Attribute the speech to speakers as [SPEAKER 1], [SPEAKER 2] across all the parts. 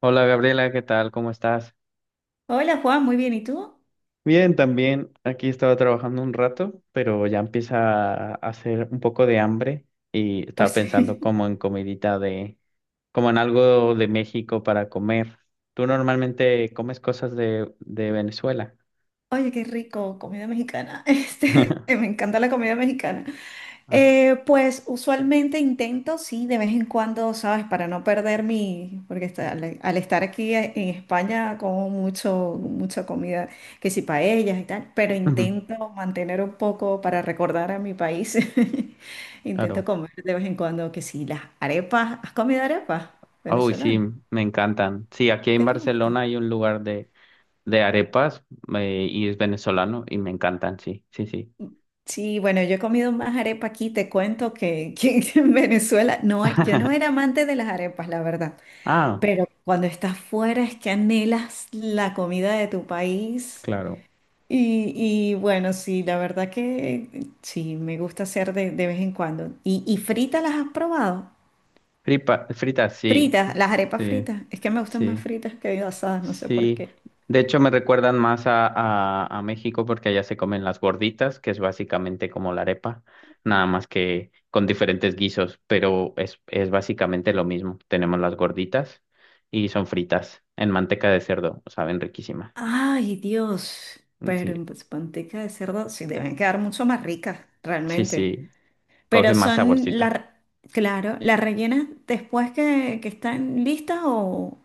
[SPEAKER 1] Hola Gabriela, ¿qué tal? ¿Cómo estás?
[SPEAKER 2] Hola Juan, muy bien, ¿y tú?
[SPEAKER 1] Bien, también aquí estaba trabajando un rato, pero ya empieza a hacer un poco de hambre y estaba
[SPEAKER 2] Pues
[SPEAKER 1] pensando como en comidita como en algo de México para comer. ¿Tú normalmente comes cosas de Venezuela?
[SPEAKER 2] Oye, qué rico, comida mexicana. Este, me encanta la comida mexicana.
[SPEAKER 1] Ah,
[SPEAKER 2] Pues usualmente intento, sí, de vez en cuando, ¿sabes? Para no perder mi, porque al estar aquí en España como mucho, mucha comida, que si paellas y tal, pero
[SPEAKER 1] ujú,
[SPEAKER 2] intento mantener un poco para recordar a mi país. Intento
[SPEAKER 1] Claro.
[SPEAKER 2] comer de vez en cuando, que si las arepas, ¿has comido arepas
[SPEAKER 1] Uy, sí,
[SPEAKER 2] venezolanas?
[SPEAKER 1] me encantan. Sí, aquí en
[SPEAKER 2] ¿Te gustan?
[SPEAKER 1] Barcelona hay un lugar de arepas y es venezolano y me encantan, sí, sí, sí.
[SPEAKER 2] Sí, bueno, yo he comido más arepa aquí, te cuento que en Venezuela, no, yo no era amante de las arepas, la verdad,
[SPEAKER 1] Ah,
[SPEAKER 2] pero cuando estás fuera es que anhelas la comida de tu país
[SPEAKER 1] claro.
[SPEAKER 2] y, y bueno, sí, la verdad que sí, me gusta hacer de vez en cuando. Y fritas las has probado?
[SPEAKER 1] Fripa, fritas, sí,
[SPEAKER 2] Fritas, las arepas
[SPEAKER 1] sí,
[SPEAKER 2] fritas, es que me gustan más
[SPEAKER 1] sí,
[SPEAKER 2] fritas que asadas, no sé por
[SPEAKER 1] sí.
[SPEAKER 2] qué.
[SPEAKER 1] De hecho, me recuerdan más a México porque allá se comen las gorditas, que es básicamente como la arepa, nada más que con diferentes guisos, pero es básicamente lo mismo. Tenemos las gorditas y son fritas en manteca de cerdo, saben riquísimas.
[SPEAKER 2] Ay, Dios, pero
[SPEAKER 1] Sí,
[SPEAKER 2] en pues, manteca de cerdo, sí, deben quedar mucho más ricas,
[SPEAKER 1] sí,
[SPEAKER 2] realmente.
[SPEAKER 1] sí,
[SPEAKER 2] Pero
[SPEAKER 1] coge más
[SPEAKER 2] son
[SPEAKER 1] saborcito.
[SPEAKER 2] las, claro, las rellenas después que están listas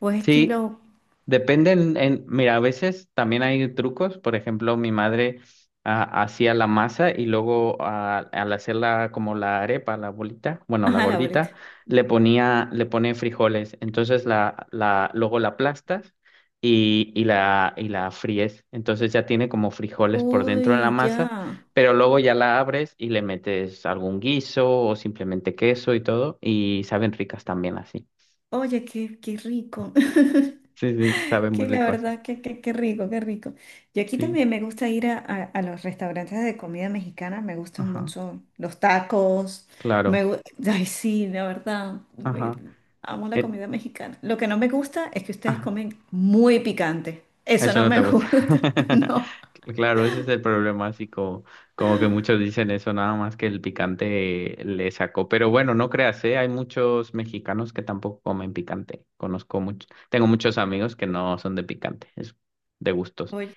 [SPEAKER 2] o es
[SPEAKER 1] Sí,
[SPEAKER 2] estilo,
[SPEAKER 1] Depende en, mira, a veces también hay trucos. Por ejemplo, mi madre hacía la masa y luego al hacerla como la arepa, la bolita, bueno, la
[SPEAKER 2] ajá, la bolita.
[SPEAKER 1] gordita, le ponía, le pone frijoles. Entonces luego la aplastas y, y la fríes. Entonces ya tiene como frijoles por dentro en la
[SPEAKER 2] Uy,
[SPEAKER 1] masa,
[SPEAKER 2] ya.
[SPEAKER 1] pero luego ya la abres y le metes algún guiso o simplemente queso y todo, y saben ricas también así.
[SPEAKER 2] Oye, qué rico.
[SPEAKER 1] Sí, sí, sabe muy
[SPEAKER 2] Que la
[SPEAKER 1] rico así.
[SPEAKER 2] verdad, que rico, qué rico. Yo aquí
[SPEAKER 1] Sí.
[SPEAKER 2] también me gusta ir a los restaurantes de comida mexicana, me gustan
[SPEAKER 1] Ajá.
[SPEAKER 2] mucho los tacos,
[SPEAKER 1] Claro,
[SPEAKER 2] me, gu- ay sí, la verdad,
[SPEAKER 1] ajá.
[SPEAKER 2] amo la
[SPEAKER 1] Eh,
[SPEAKER 2] comida mexicana. Lo que no me gusta es que ustedes
[SPEAKER 1] ah,
[SPEAKER 2] comen muy picante, eso
[SPEAKER 1] eso
[SPEAKER 2] no
[SPEAKER 1] no te
[SPEAKER 2] me
[SPEAKER 1] gusta.
[SPEAKER 2] gusta, no.
[SPEAKER 1] Claro, ese es el problema, así como, como que muchos dicen eso, nada más que el picante le sacó. Pero bueno, no creas, ¿eh? Hay muchos mexicanos que tampoco comen picante. Conozco mucho, tengo muchos amigos que no son de picante, es de gustos.
[SPEAKER 2] Oye,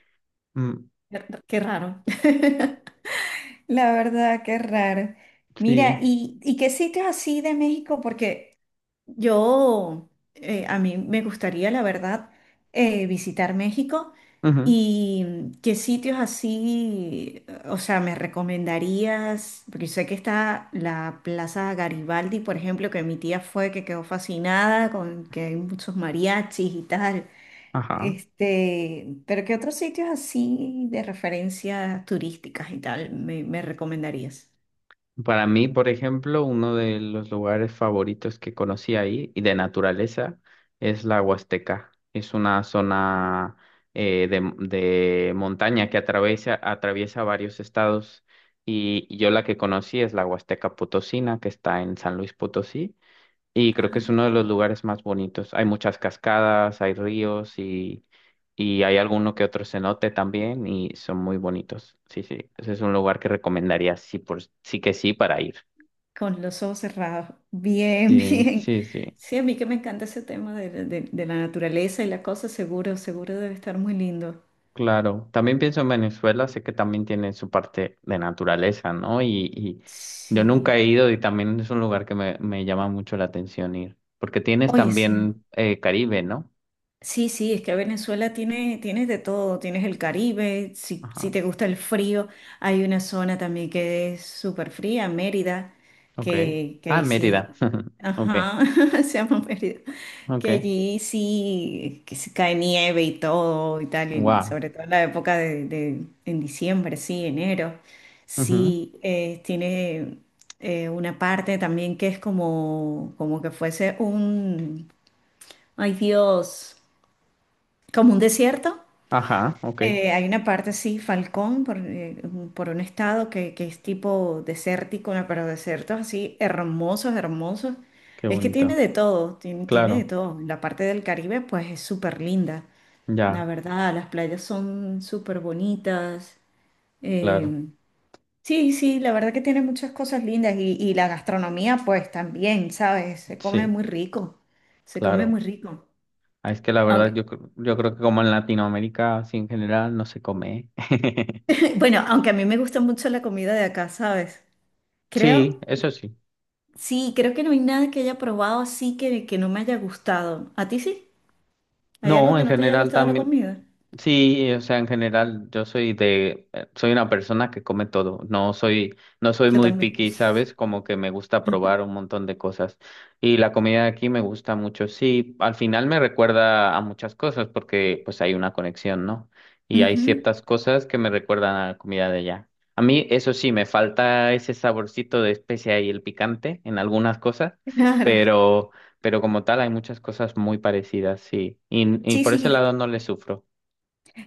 [SPEAKER 1] Mm,
[SPEAKER 2] qué qué raro. La verdad, qué raro. Mira,
[SPEAKER 1] sí,
[SPEAKER 2] y qué sitios así de México? Porque yo, a mí me gustaría, la verdad, visitar México
[SPEAKER 1] ujú,
[SPEAKER 2] y qué sitios así, o sea, me recomendarías, porque sé que está la Plaza Garibaldi, por ejemplo, que mi tía fue, que quedó fascinada con que hay muchos mariachis y tal.
[SPEAKER 1] Ajá.
[SPEAKER 2] Este, pero ¿qué otros sitios así de referencias turísticas y tal me, me recomendarías?
[SPEAKER 1] Para mí, por ejemplo, uno de los lugares favoritos que conocí ahí y de naturaleza es la Huasteca. Es una zona de montaña que atraviesa, atraviesa varios estados y yo la que conocí es la Huasteca Potosina, que está en San Luis Potosí. Y creo que es uno de los lugares más bonitos. Hay muchas cascadas, hay ríos y hay alguno que otro cenote también y son muy bonitos. Sí, sí. Ese es un lugar que recomendaría sí por sí que sí para ir.
[SPEAKER 2] Con los ojos cerrados. Bien,
[SPEAKER 1] Sí,
[SPEAKER 2] bien.
[SPEAKER 1] sí, sí.
[SPEAKER 2] Sí, a mí que me encanta ese tema de la naturaleza y la cosa, seguro, seguro debe estar muy lindo.
[SPEAKER 1] Claro. También pienso en Venezuela, sé que también tiene su parte de naturaleza, ¿no? Y yo nunca
[SPEAKER 2] Sí.
[SPEAKER 1] he ido y también es un lugar que me llama mucho la atención ir. Porque tienes
[SPEAKER 2] Oye, sí.
[SPEAKER 1] también Caribe, ¿no?
[SPEAKER 2] Sí, sí, es que Venezuela tiene, tienes de todo. Tienes el Caribe, si, si
[SPEAKER 1] Ajá.
[SPEAKER 2] te gusta el frío, hay una zona también que es súper fría, Mérida,
[SPEAKER 1] Ok.
[SPEAKER 2] que
[SPEAKER 1] Ah,
[SPEAKER 2] ahí
[SPEAKER 1] Mérida.
[SPEAKER 2] sí.
[SPEAKER 1] Ok.
[SPEAKER 2] Ajá, se llama Mérida.
[SPEAKER 1] Ok.
[SPEAKER 2] Que allí sí, que se cae nieve y todo y tal, y
[SPEAKER 1] Wow.
[SPEAKER 2] sobre todo en la época en diciembre, sí, enero, sí, tiene una parte también que es como, como que fuese un, ay Dios, como un desierto,
[SPEAKER 1] Ajá, ok,
[SPEAKER 2] hay una parte, sí, Falcón, por, un por un estado que es tipo desértico, ¿no? Pero desiertos así hermosos, hermosos.
[SPEAKER 1] qué
[SPEAKER 2] Es que tiene
[SPEAKER 1] bonito.
[SPEAKER 2] de todo, tiene, tiene de
[SPEAKER 1] Claro,
[SPEAKER 2] todo. La parte del Caribe, pues es súper linda, la
[SPEAKER 1] ya,
[SPEAKER 2] verdad. Las playas son súper bonitas. Eh,
[SPEAKER 1] claro,
[SPEAKER 2] sí, sí, la verdad que tiene muchas cosas lindas. Y la gastronomía, pues también, ¿sabes? Se come
[SPEAKER 1] sí,
[SPEAKER 2] muy rico, se come
[SPEAKER 1] claro.
[SPEAKER 2] muy rico.
[SPEAKER 1] Ah, Es que la verdad
[SPEAKER 2] Aunque,
[SPEAKER 1] yo, yo creo que como en Latinoamérica, así en general, no se come.
[SPEAKER 2] bueno, aunque a mí me gusta mucho la comida de acá, ¿sabes? Creo.
[SPEAKER 1] Sí, eso sí.
[SPEAKER 2] Sí, creo que no hay nada que haya probado así que no me haya gustado. ¿A ti sí? ¿Hay algo
[SPEAKER 1] No,
[SPEAKER 2] que
[SPEAKER 1] en
[SPEAKER 2] no te haya
[SPEAKER 1] general
[SPEAKER 2] gustado la
[SPEAKER 1] también.
[SPEAKER 2] comida?
[SPEAKER 1] Sí, o sea, en general, yo soy soy una persona que come todo. No soy
[SPEAKER 2] Yo
[SPEAKER 1] muy
[SPEAKER 2] también.
[SPEAKER 1] picky, ¿sabes? Como que me gusta probar un montón de cosas. Y la comida de aquí me gusta mucho. Sí, al final me recuerda a muchas cosas porque pues hay una conexión, ¿no? Y hay
[SPEAKER 2] Ujú,
[SPEAKER 1] ciertas cosas que me recuerdan a la comida de allá. A mí, eso sí, me falta ese saborcito de especia y el picante en algunas cosas,
[SPEAKER 2] claro.
[SPEAKER 1] pero, pero como tal hay muchas cosas muy parecidas, sí. Y
[SPEAKER 2] Sí,
[SPEAKER 1] por ese
[SPEAKER 2] sí.
[SPEAKER 1] lado no le sufro.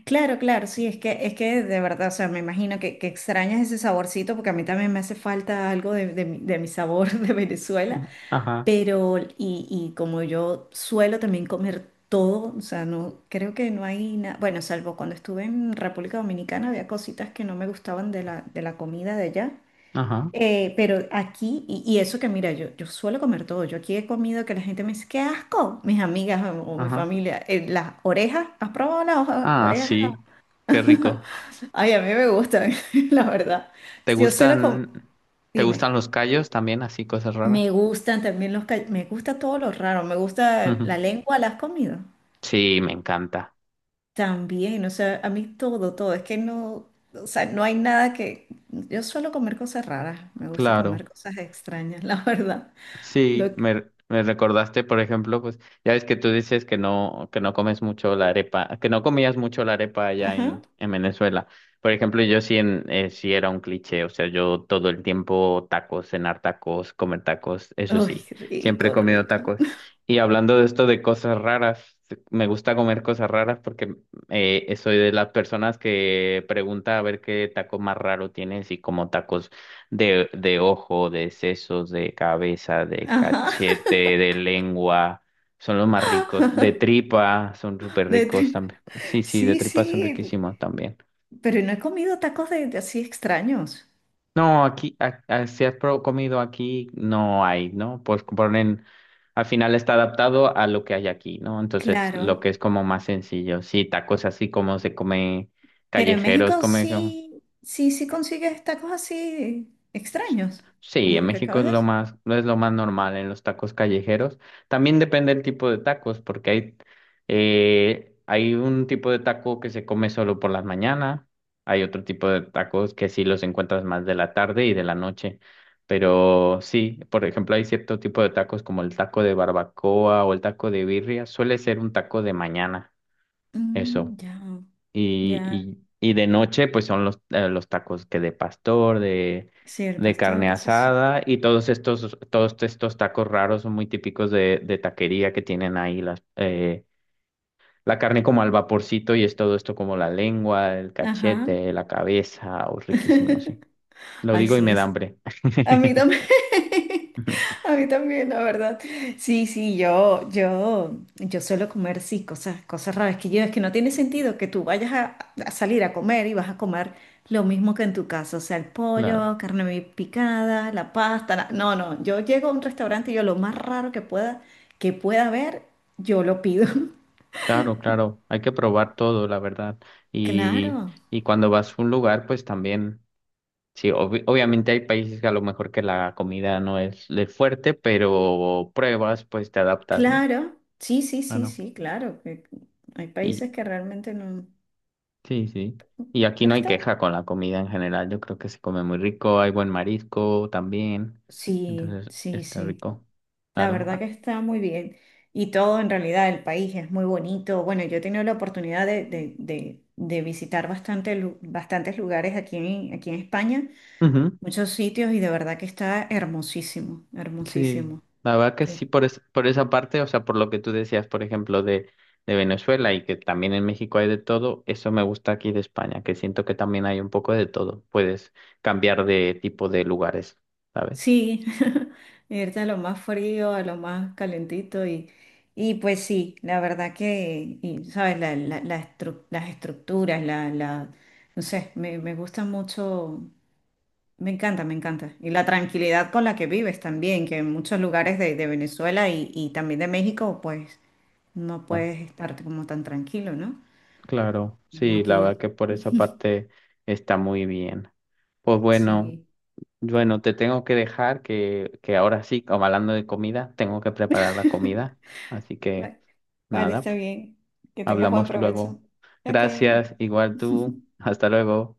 [SPEAKER 2] Claro, claro, sí, es que de verdad, o sea, me imagino que extrañas ese saborcito porque a mí también me hace falta algo de mi sabor de Venezuela,
[SPEAKER 1] Ujú. Ajá,
[SPEAKER 2] pero y como yo suelo también comer todo, o sea, no, creo que no hay nada, bueno, salvo cuando estuve en República Dominicana había cositas que no me gustaban de de la comida de allá.
[SPEAKER 1] ajá,
[SPEAKER 2] Pero aquí, y eso que mira, yo suelo comer todo. Yo aquí he comido que la gente me dice, qué asco, mis amigas o mi
[SPEAKER 1] ajá.
[SPEAKER 2] familia. Las orejas, ¿has probado las
[SPEAKER 1] Ah,
[SPEAKER 2] orejas?
[SPEAKER 1] sí, qué rico.
[SPEAKER 2] Ay, a mí me gustan, la verdad.
[SPEAKER 1] ¿Te
[SPEAKER 2] Yo suelo comer,
[SPEAKER 1] gustan, te
[SPEAKER 2] dime,
[SPEAKER 1] gustan los callos también, así cosas
[SPEAKER 2] me
[SPEAKER 1] raras?
[SPEAKER 2] gustan también los, me gusta todo lo raro, me gusta
[SPEAKER 1] Ujú.
[SPEAKER 2] la lengua, ¿la has comido?
[SPEAKER 1] Sí, me encanta.
[SPEAKER 2] También, o sea, a mí todo, todo. Es que no, o sea, no hay nada que, yo suelo comer cosas raras, me gusta
[SPEAKER 1] Claro.
[SPEAKER 2] comer cosas extrañas, la verdad.
[SPEAKER 1] Sí,
[SPEAKER 2] Lo, que-
[SPEAKER 1] me recordaste, por ejemplo, pues ya ves que tú dices que no comes mucho la arepa, que no comías mucho la arepa allá
[SPEAKER 2] ajá.
[SPEAKER 1] en Venezuela. Por ejemplo, yo sí, sí era un cliché, o sea, yo todo el tiempo tacos, cenar tacos, comer tacos, eso
[SPEAKER 2] ¡Ay,
[SPEAKER 1] sí, siempre he
[SPEAKER 2] rico,
[SPEAKER 1] comido
[SPEAKER 2] rico.
[SPEAKER 1] tacos. Y hablando de esto de cosas raras, me gusta comer cosas raras porque soy de las personas que pregunta a ver qué taco más raro tienes y como tacos de ojo, de sesos, de cabeza, de
[SPEAKER 2] Ajá.
[SPEAKER 1] cachete, de lengua, son los más ricos. De tripa, son súper
[SPEAKER 2] De
[SPEAKER 1] ricos
[SPEAKER 2] tri-
[SPEAKER 1] también. Sí, sí, de
[SPEAKER 2] sí,
[SPEAKER 1] tripa son
[SPEAKER 2] sí,
[SPEAKER 1] riquísimos también.
[SPEAKER 2] pero no he comido tacos de así extraños.
[SPEAKER 1] No, aquí, si has comido aquí, no hay, ¿no? Pues ponen, al final está adaptado a lo que hay aquí, ¿no? Entonces, lo
[SPEAKER 2] Claro.
[SPEAKER 1] que es como más sencillo. Sí, tacos así como se come
[SPEAKER 2] Pero en
[SPEAKER 1] callejeros,
[SPEAKER 2] México
[SPEAKER 1] come.
[SPEAKER 2] sí, sí, sí consigues tacos así
[SPEAKER 1] S-
[SPEAKER 2] extraños,
[SPEAKER 1] Sí,
[SPEAKER 2] como
[SPEAKER 1] en
[SPEAKER 2] los que
[SPEAKER 1] México
[SPEAKER 2] acabas
[SPEAKER 1] es
[SPEAKER 2] de
[SPEAKER 1] lo
[SPEAKER 2] decir.
[SPEAKER 1] más, no es lo más normal en los tacos callejeros. También depende del tipo de tacos, porque hay, hay un tipo de taco que se come solo por las mañanas, hay otro tipo de tacos que sí los encuentras más de la tarde y de la noche. Pero sí, por ejemplo, hay cierto tipo de tacos como el taco de barbacoa o el taco de birria, suele ser un taco de mañana,
[SPEAKER 2] Mm,
[SPEAKER 1] eso.
[SPEAKER 2] ya,
[SPEAKER 1] Y,
[SPEAKER 2] ya.
[SPEAKER 1] y de noche, pues son los tacos que de pastor,
[SPEAKER 2] Sí, el
[SPEAKER 1] de carne
[SPEAKER 2] pastor, eso sí.
[SPEAKER 1] asada y todos estos tacos raros son muy típicos de taquería que tienen ahí las, la carne como al vaporcito y es todo esto como la lengua, el
[SPEAKER 2] Ajá.
[SPEAKER 1] cachete, la cabeza, o riquísimo, sí. Lo
[SPEAKER 2] Ay,
[SPEAKER 1] digo y
[SPEAKER 2] sí,
[SPEAKER 1] me da
[SPEAKER 2] es.
[SPEAKER 1] hambre.
[SPEAKER 2] A mí también. A mí también, la verdad. Sí, sí, yo suelo comer, sí, cosas, cosas raras que yo, es que no tiene sentido que tú vayas a salir a comer y vas a comer lo mismo que en tu casa, o sea, el
[SPEAKER 1] Claro,
[SPEAKER 2] pollo, carne picada, la pasta, la- no, no, yo llego a un restaurante y yo lo más raro que pueda haber, yo lo pido.
[SPEAKER 1] claro, claro. Hay que probar todo, la verdad. Y,
[SPEAKER 2] Claro,
[SPEAKER 1] y cuando vas a un lugar, pues también. Sí, obviamente hay países que a lo mejor que la comida no es el fuerte, pero pruebas, pues te adaptas, ¿no?
[SPEAKER 2] claro,
[SPEAKER 1] Bueno,
[SPEAKER 2] sí, claro, que hay
[SPEAKER 1] Y
[SPEAKER 2] países que realmente no,
[SPEAKER 1] sí, sí. Y aquí
[SPEAKER 2] pero
[SPEAKER 1] no hay
[SPEAKER 2] está,
[SPEAKER 1] queja con la comida en general. Yo creo que se come muy rico, hay buen marisco también.
[SPEAKER 2] sí,
[SPEAKER 1] Entonces,
[SPEAKER 2] sí,
[SPEAKER 1] está
[SPEAKER 2] sí.
[SPEAKER 1] rico.
[SPEAKER 2] La
[SPEAKER 1] Claro.
[SPEAKER 2] verdad
[SPEAKER 1] Ah,
[SPEAKER 2] que está muy bien. Y todo en realidad, el país es muy bonito. Bueno, yo he tenido la oportunidad de visitar bastante, bastantes lugares aquí en, aquí en España,
[SPEAKER 1] ujú.
[SPEAKER 2] muchos sitios y de verdad que está hermosísimo,
[SPEAKER 1] Sí,
[SPEAKER 2] hermosísimo.
[SPEAKER 1] la verdad que sí,
[SPEAKER 2] Te-
[SPEAKER 1] por, por esa parte, o sea, por lo que tú decías, por ejemplo, de Venezuela y que también en México hay de todo, eso me gusta aquí de España, que siento que también hay un poco de todo, puedes cambiar de tipo de lugares, ¿sabes?
[SPEAKER 2] sí, irte a lo más frío, a lo más calentito y pues sí, la verdad que, y, ¿sabes? Las estructuras, la, no sé, me gusta mucho. Me encanta, me encanta. Y la tranquilidad con la que vives también, que en muchos lugares de Venezuela y también de México, pues no
[SPEAKER 1] Ah,
[SPEAKER 2] puedes estar como tan tranquilo, ¿no?
[SPEAKER 1] claro,
[SPEAKER 2] Como
[SPEAKER 1] sí, la verdad
[SPEAKER 2] aquí.
[SPEAKER 1] que por esa parte está muy bien. Pues bueno,
[SPEAKER 2] Sí.
[SPEAKER 1] bueno, te tengo que dejar que ahora sí, como hablando de comida, tengo que preparar la comida, así que
[SPEAKER 2] Vale, vale,
[SPEAKER 1] nada.
[SPEAKER 2] está bien. Que tengas buen
[SPEAKER 1] Hablamos
[SPEAKER 2] provecho.
[SPEAKER 1] luego.
[SPEAKER 2] Ok,
[SPEAKER 1] Gracias,
[SPEAKER 2] vale.
[SPEAKER 1] igual tú. Hasta luego.